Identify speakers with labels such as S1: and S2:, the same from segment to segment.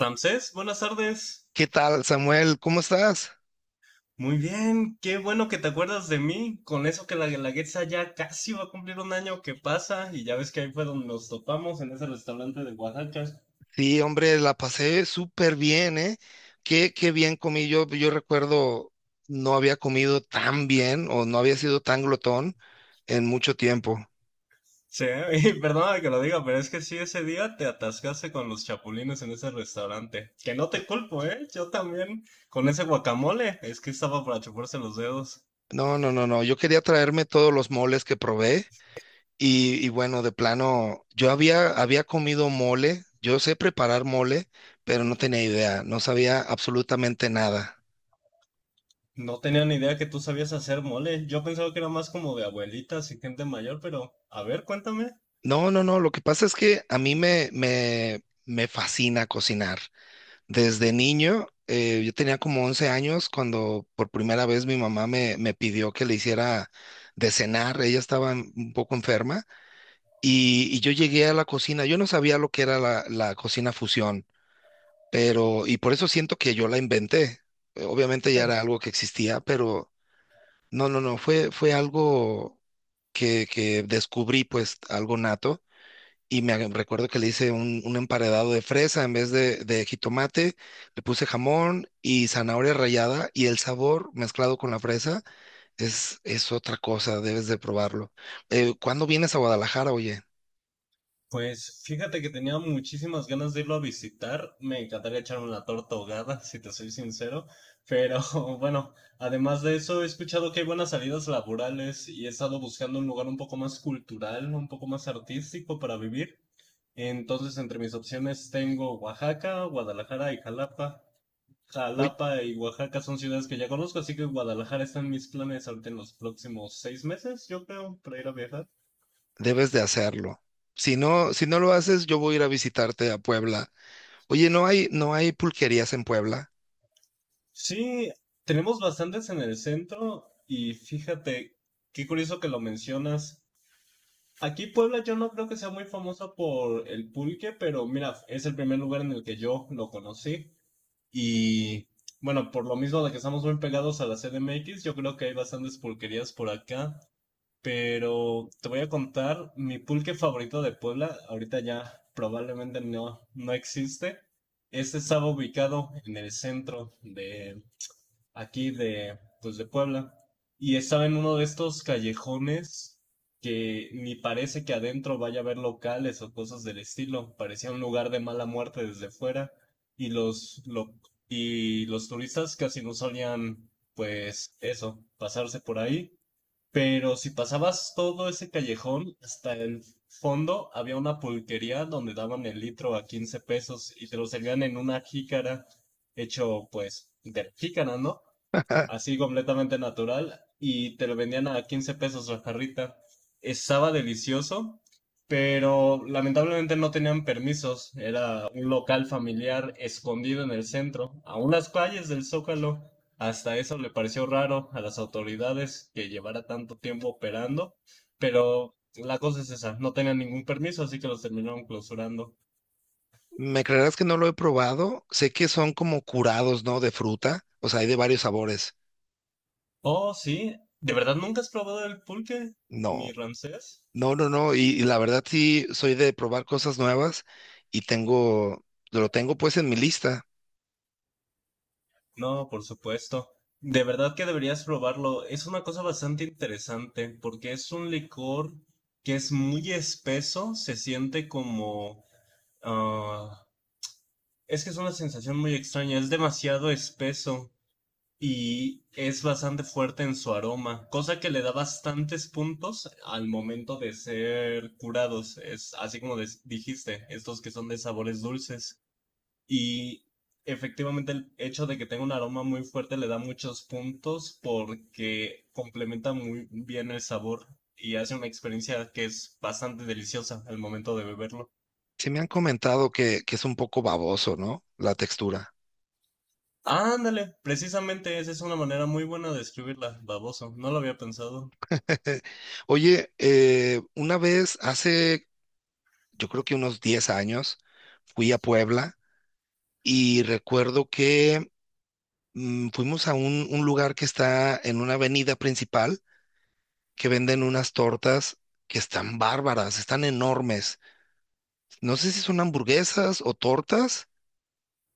S1: Ramsés, buenas tardes.
S2: ¿Qué tal, Samuel? ¿Cómo estás?
S1: Muy bien, qué bueno que te acuerdas de mí. Con eso que la Guelaguetza ya casi va a cumplir un año que pasa, y ya ves que ahí fue donde nos topamos en ese restaurante de Oaxaca.
S2: Sí, hombre, la pasé súper bien, ¿eh? Qué bien comí. Yo recuerdo no había comido tan bien o no había sido tan glotón en mucho tiempo.
S1: Sí, y perdóname que lo diga, pero es que sí, ese día te atascaste con los chapulines en ese restaurante. Que no te culpo, ¿eh? Yo también. Con ese guacamole, es que estaba para chuparse los dedos.
S2: No, no, no, no. Yo quería traerme todos los moles que probé y bueno, de plano, yo había comido mole. Yo sé preparar mole, pero no tenía idea. No sabía absolutamente nada.
S1: No tenía ni idea que tú sabías hacer mole. Yo pensaba que era más como de abuelitas y gente mayor, pero a ver, cuéntame.
S2: No, no, no. Lo que pasa es que a mí me fascina cocinar. Desde niño, yo tenía como 11 años cuando por primera vez mi mamá me pidió que le hiciera de cenar. Ella estaba un poco enferma y yo llegué a la cocina. Yo no sabía lo que era la cocina fusión, pero y por eso siento que yo la inventé. Obviamente ya era algo que existía, pero no, no, no, fue, fue algo que descubrí, pues algo nato. Y recuerdo que le hice un emparedado de fresa en vez de jitomate, le puse jamón y zanahoria rallada y el sabor mezclado con la fresa es otra cosa, debes de probarlo. ¿Cuándo vienes a Guadalajara, oye?
S1: Pues fíjate que tenía muchísimas ganas de irlo a visitar. Me encantaría echarme una torta ahogada, si te soy sincero. Pero bueno, además de eso, he escuchado que hay buenas salidas laborales y he estado buscando un lugar un poco más cultural, un poco más artístico para vivir. Entonces, entre mis opciones tengo Oaxaca, Guadalajara y Jalapa.
S2: Uy,
S1: Jalapa y Oaxaca son ciudades que ya conozco, así que Guadalajara está en mis planes ahorita en los próximos 6 meses, yo creo, para ir a viajar.
S2: debes de hacerlo. Si no, si no lo haces, yo voy a ir a visitarte a Puebla. Oye, no hay pulquerías en Puebla.
S1: Sí, tenemos bastantes en el centro y fíjate, qué curioso que lo mencionas. Aquí Puebla yo no creo que sea muy famosa por el pulque, pero mira, es el primer lugar en el que yo lo conocí. Y bueno, por lo mismo de que estamos muy pegados a la CDMX, yo creo que hay bastantes pulquerías por acá. Pero te voy a contar mi pulque favorito de Puebla. Ahorita ya probablemente no, no existe. Este estaba ubicado en el centro de aquí de, pues de Puebla. Y estaba en uno de estos callejones que ni parece que adentro vaya a haber locales o cosas del estilo. Parecía un lugar de mala muerte desde fuera. Y los, lo- y los turistas casi no solían, pues eso, pasarse por ahí. Pero si pasabas todo ese callejón, hasta el fondo había una pulquería donde daban el litro a 15 pesos y te lo servían en una jícara hecho pues de la jícara, ¿no? Así completamente natural, y te lo vendían a 15 pesos la jarrita. Estaba delicioso, pero lamentablemente no tenían permisos. Era un local familiar escondido en el centro, a unas calles del Zócalo. Hasta eso le pareció raro a las autoridades que llevara tanto tiempo operando, pero la cosa es esa, no tenían ningún permiso, así que los terminaron clausurando.
S2: ¿Me creerás que no lo he probado? Sé que son como curados, ¿no? De fruta, o sea, hay de varios sabores.
S1: Oh, sí, ¿de verdad nunca has probado el pulque,
S2: No.
S1: mi Ramsés?
S2: No, no, no, y la verdad sí soy de probar cosas nuevas y tengo, lo tengo pues en mi lista.
S1: No, por supuesto. De verdad que deberías probarlo. Es una cosa bastante interesante porque es un licor que es muy espeso, se siente como, ah, es que es una sensación muy extraña, es demasiado espeso y es bastante fuerte en su aroma, cosa que le da bastantes puntos al momento de ser curados. Es así como dijiste, estos que son de sabores dulces. Y efectivamente el hecho de que tenga un aroma muy fuerte le da muchos puntos porque complementa muy bien el sabor y hace una experiencia que es bastante deliciosa al momento de beberlo.
S2: Sí me han comentado que, es un poco baboso, ¿no? La textura.
S1: Ándale, precisamente esa es una manera muy buena de describirla, baboso. No lo había pensado.
S2: Oye, una vez hace, yo creo que unos 10 años, fui a Puebla y recuerdo que fuimos a un lugar que está en una avenida principal que venden unas tortas que están bárbaras, están enormes. No sé si son hamburguesas o tortas.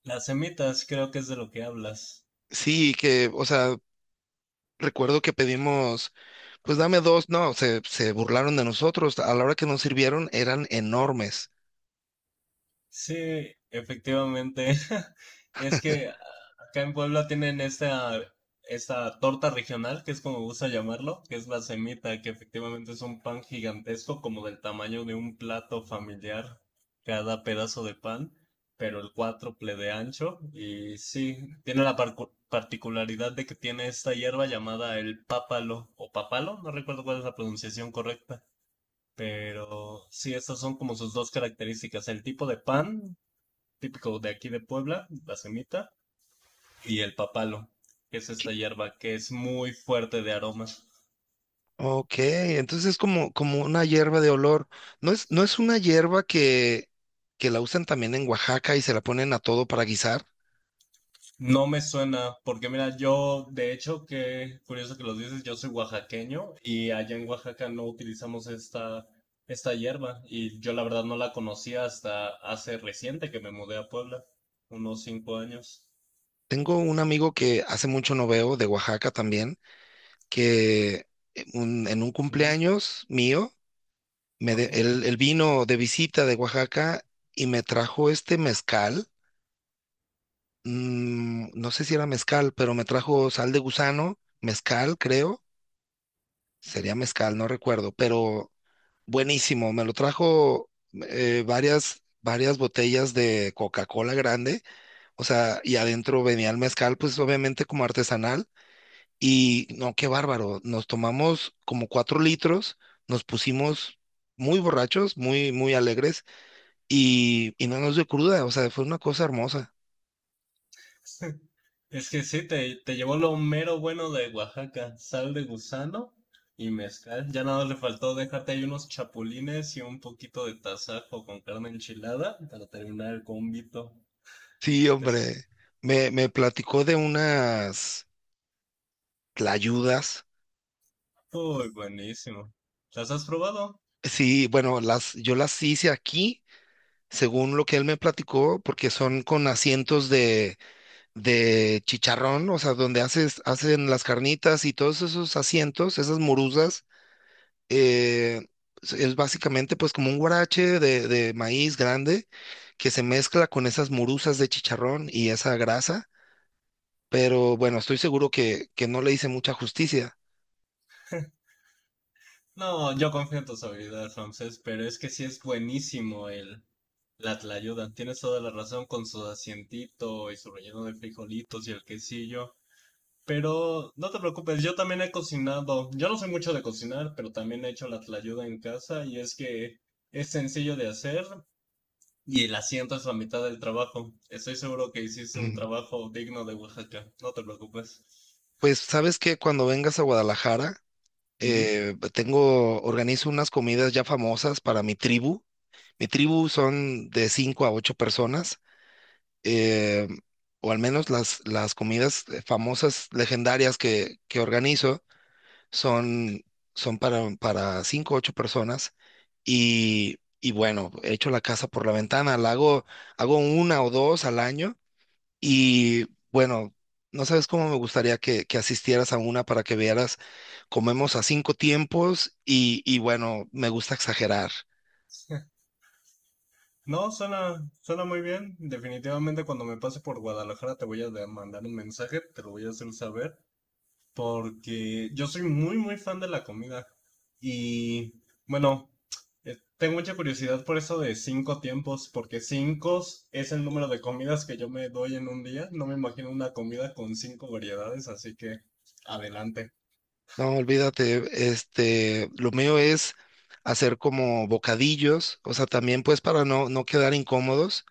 S1: Las semitas creo que es de lo que hablas.
S2: Sí, que, o sea, recuerdo que pedimos, pues dame dos, no, se burlaron de nosotros. A la hora que nos sirvieron eran enormes.
S1: Sí, efectivamente. Es que ah, acá en Puebla tienen esta torta regional, que es como gusta llamarlo, que es la semita, que efectivamente es un pan gigantesco, como del tamaño de un plato familiar, cada pedazo de pan, pero el cuádruple de ancho. Y sí, tiene la particularidad de que tiene esta hierba llamada el pápalo, o papalo, no recuerdo cuál es la pronunciación correcta. Pero sí, estas son como sus dos características, el tipo de pan típico de aquí de Puebla, la semita, y el papalo, que es esta hierba que es muy fuerte de aromas.
S2: Ok, entonces es como, como una hierba de olor. No es una hierba que la usan también en Oaxaca y se la ponen a todo para guisar.
S1: No me suena, porque mira, yo, de hecho, que curioso que lo dices, yo soy oaxaqueño y allá en Oaxaca no utilizamos esta hierba y yo la verdad no la conocía hasta hace reciente que me mudé a Puebla, unos 5 años.
S2: Tengo un amigo que hace mucho no veo de Oaxaca también, que en un
S1: Mm.
S2: cumpleaños mío, me de-
S1: Ajá.
S2: él, él vino de visita de Oaxaca y me trajo este mezcal, no sé si era mezcal, pero me trajo sal de gusano, mezcal, creo. Sería mezcal, no recuerdo, pero buenísimo. Me lo trajo varias botellas de Coca-Cola grande, o sea, y adentro venía el mezcal, pues obviamente como artesanal. Y no, qué bárbaro. Nos tomamos como 4 litros, nos pusimos muy borrachos, muy, muy alegres y no nos dio cruda, o sea, fue una cosa hermosa.
S1: Es que sí, te llevó lo mero bueno de Oaxaca, sal de gusano y mezcal. Ya nada le faltó, déjate ahí unos chapulines y un poquito de tasajo con carne enchilada para terminar el combito.
S2: Sí,
S1: Es
S2: hombre, me platicó de unas tlayudas.
S1: muy buenísimo. ¿Las has probado?
S2: Sí, bueno, las, yo las hice aquí, según lo que él me platicó, porque son con asientos de chicharrón, o sea, donde haces, hacen las carnitas y todos esos asientos, esas morusas, eh, es básicamente pues como un guarache de maíz grande que se mezcla con esas morusas de chicharrón y esa grasa, pero bueno, estoy seguro que, no le hice mucha justicia.
S1: No, yo confío en tus habilidades, Ramsés, pero es que sí es buenísimo el la tlayuda. Tienes toda la razón con su asientito y su relleno de frijolitos y el quesillo. Pero no te preocupes, yo también he cocinado. Yo no soy mucho de cocinar, pero también he hecho la tlayuda en casa y es que es sencillo de hacer y el asiento es la mitad del trabajo. Estoy seguro que hiciste un trabajo digno de Oaxaca, no te preocupes.
S2: Pues sabes que cuando vengas a Guadalajara,
S1: Ujú.
S2: organizo unas comidas ya famosas para mi tribu. Mi tribu son de cinco a ocho personas, eh, o al menos las comidas famosas, legendarias que, organizo son, son para cinco o ocho personas. Y bueno, echo la casa por la ventana, la hago, hago una o dos al año y bueno, no sabes cómo me gustaría que asistieras a una para que vieras, comemos a cinco tiempos y bueno, me gusta exagerar.
S1: No, suena, suena muy bien. Definitivamente cuando me pase por Guadalajara te voy a mandar un mensaje, te lo voy a hacer saber, porque yo soy muy, muy fan de la comida. Y bueno, tengo mucha curiosidad por eso de cinco tiempos, porque cinco es el número de comidas que yo me doy en un día. No me imagino una comida con cinco variedades, así que adelante.
S2: No, olvídate, este, lo mío es hacer como bocadillos, o sea, también pues para no quedar incómodos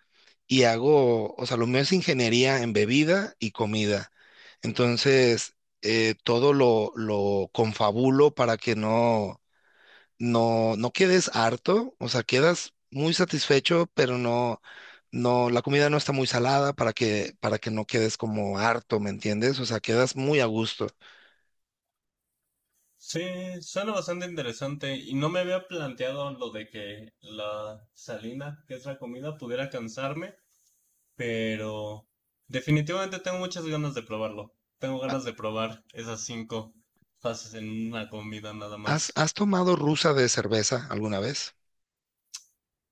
S2: y hago, o sea, lo mío es ingeniería en bebida y comida. Entonces, todo lo confabulo para que no quedes harto, o sea, quedas muy satisfecho, pero no, la comida no está muy salada para que no quedes como harto, ¿me entiendes? O sea, quedas muy a gusto.
S1: Sí, suena bastante interesante y no me había planteado lo de que la salina, que es la comida, pudiera cansarme, pero definitivamente tengo muchas ganas de probarlo. Tengo
S2: Ha-
S1: ganas de probar esas cinco fases en una comida nada
S2: ¿Has,
S1: más.
S2: has tomado rusa de cerveza alguna vez?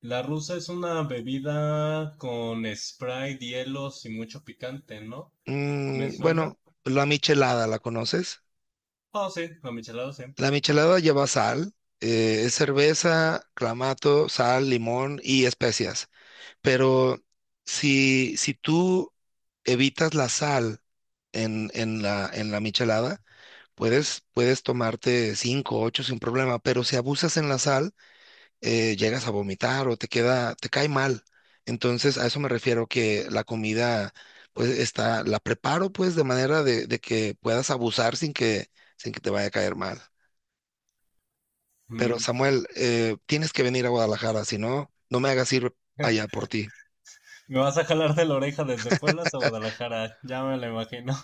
S1: La rusa es una bebida con Sprite, hielos y mucho picante, ¿no? ¿Me suena?
S2: Bueno, la michelada, ¿la conoces?
S1: Oh, sí, la michelada sí.
S2: La michelada lleva sal, es cerveza, clamato, sal, limón y especias. Pero si tú evitas la sal en la michelada, puedes tomarte cinco, ocho sin problema, pero si abusas en la sal, llegas a vomitar o te cae mal. Entonces, a eso me refiero que la comida, pues, está, la preparo, pues, de manera de que puedas abusar sin que, te vaya a caer mal. Pero,
S1: Mm.
S2: Samuel, tienes que venir a Guadalajara, si no, no me hagas ir allá por ti.
S1: Me vas a jalar de la oreja desde Puebla hasta Guadalajara, ya me lo imagino.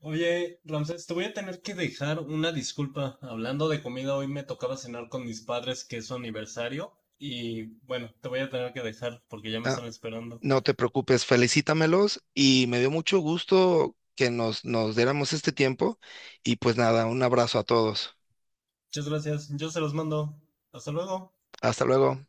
S1: Oye, Ramsés, te voy a tener que dejar una disculpa. Hablando de comida, hoy me tocaba cenar con mis padres, que es su aniversario. Y bueno, te voy a tener que dejar porque ya me
S2: Ah,
S1: están esperando.
S2: no te preocupes, felicítamelos y me dio mucho gusto que nos diéramos este tiempo y pues nada, un abrazo a todos.
S1: Muchas gracias, yo se los mando. Hasta luego.
S2: Hasta luego.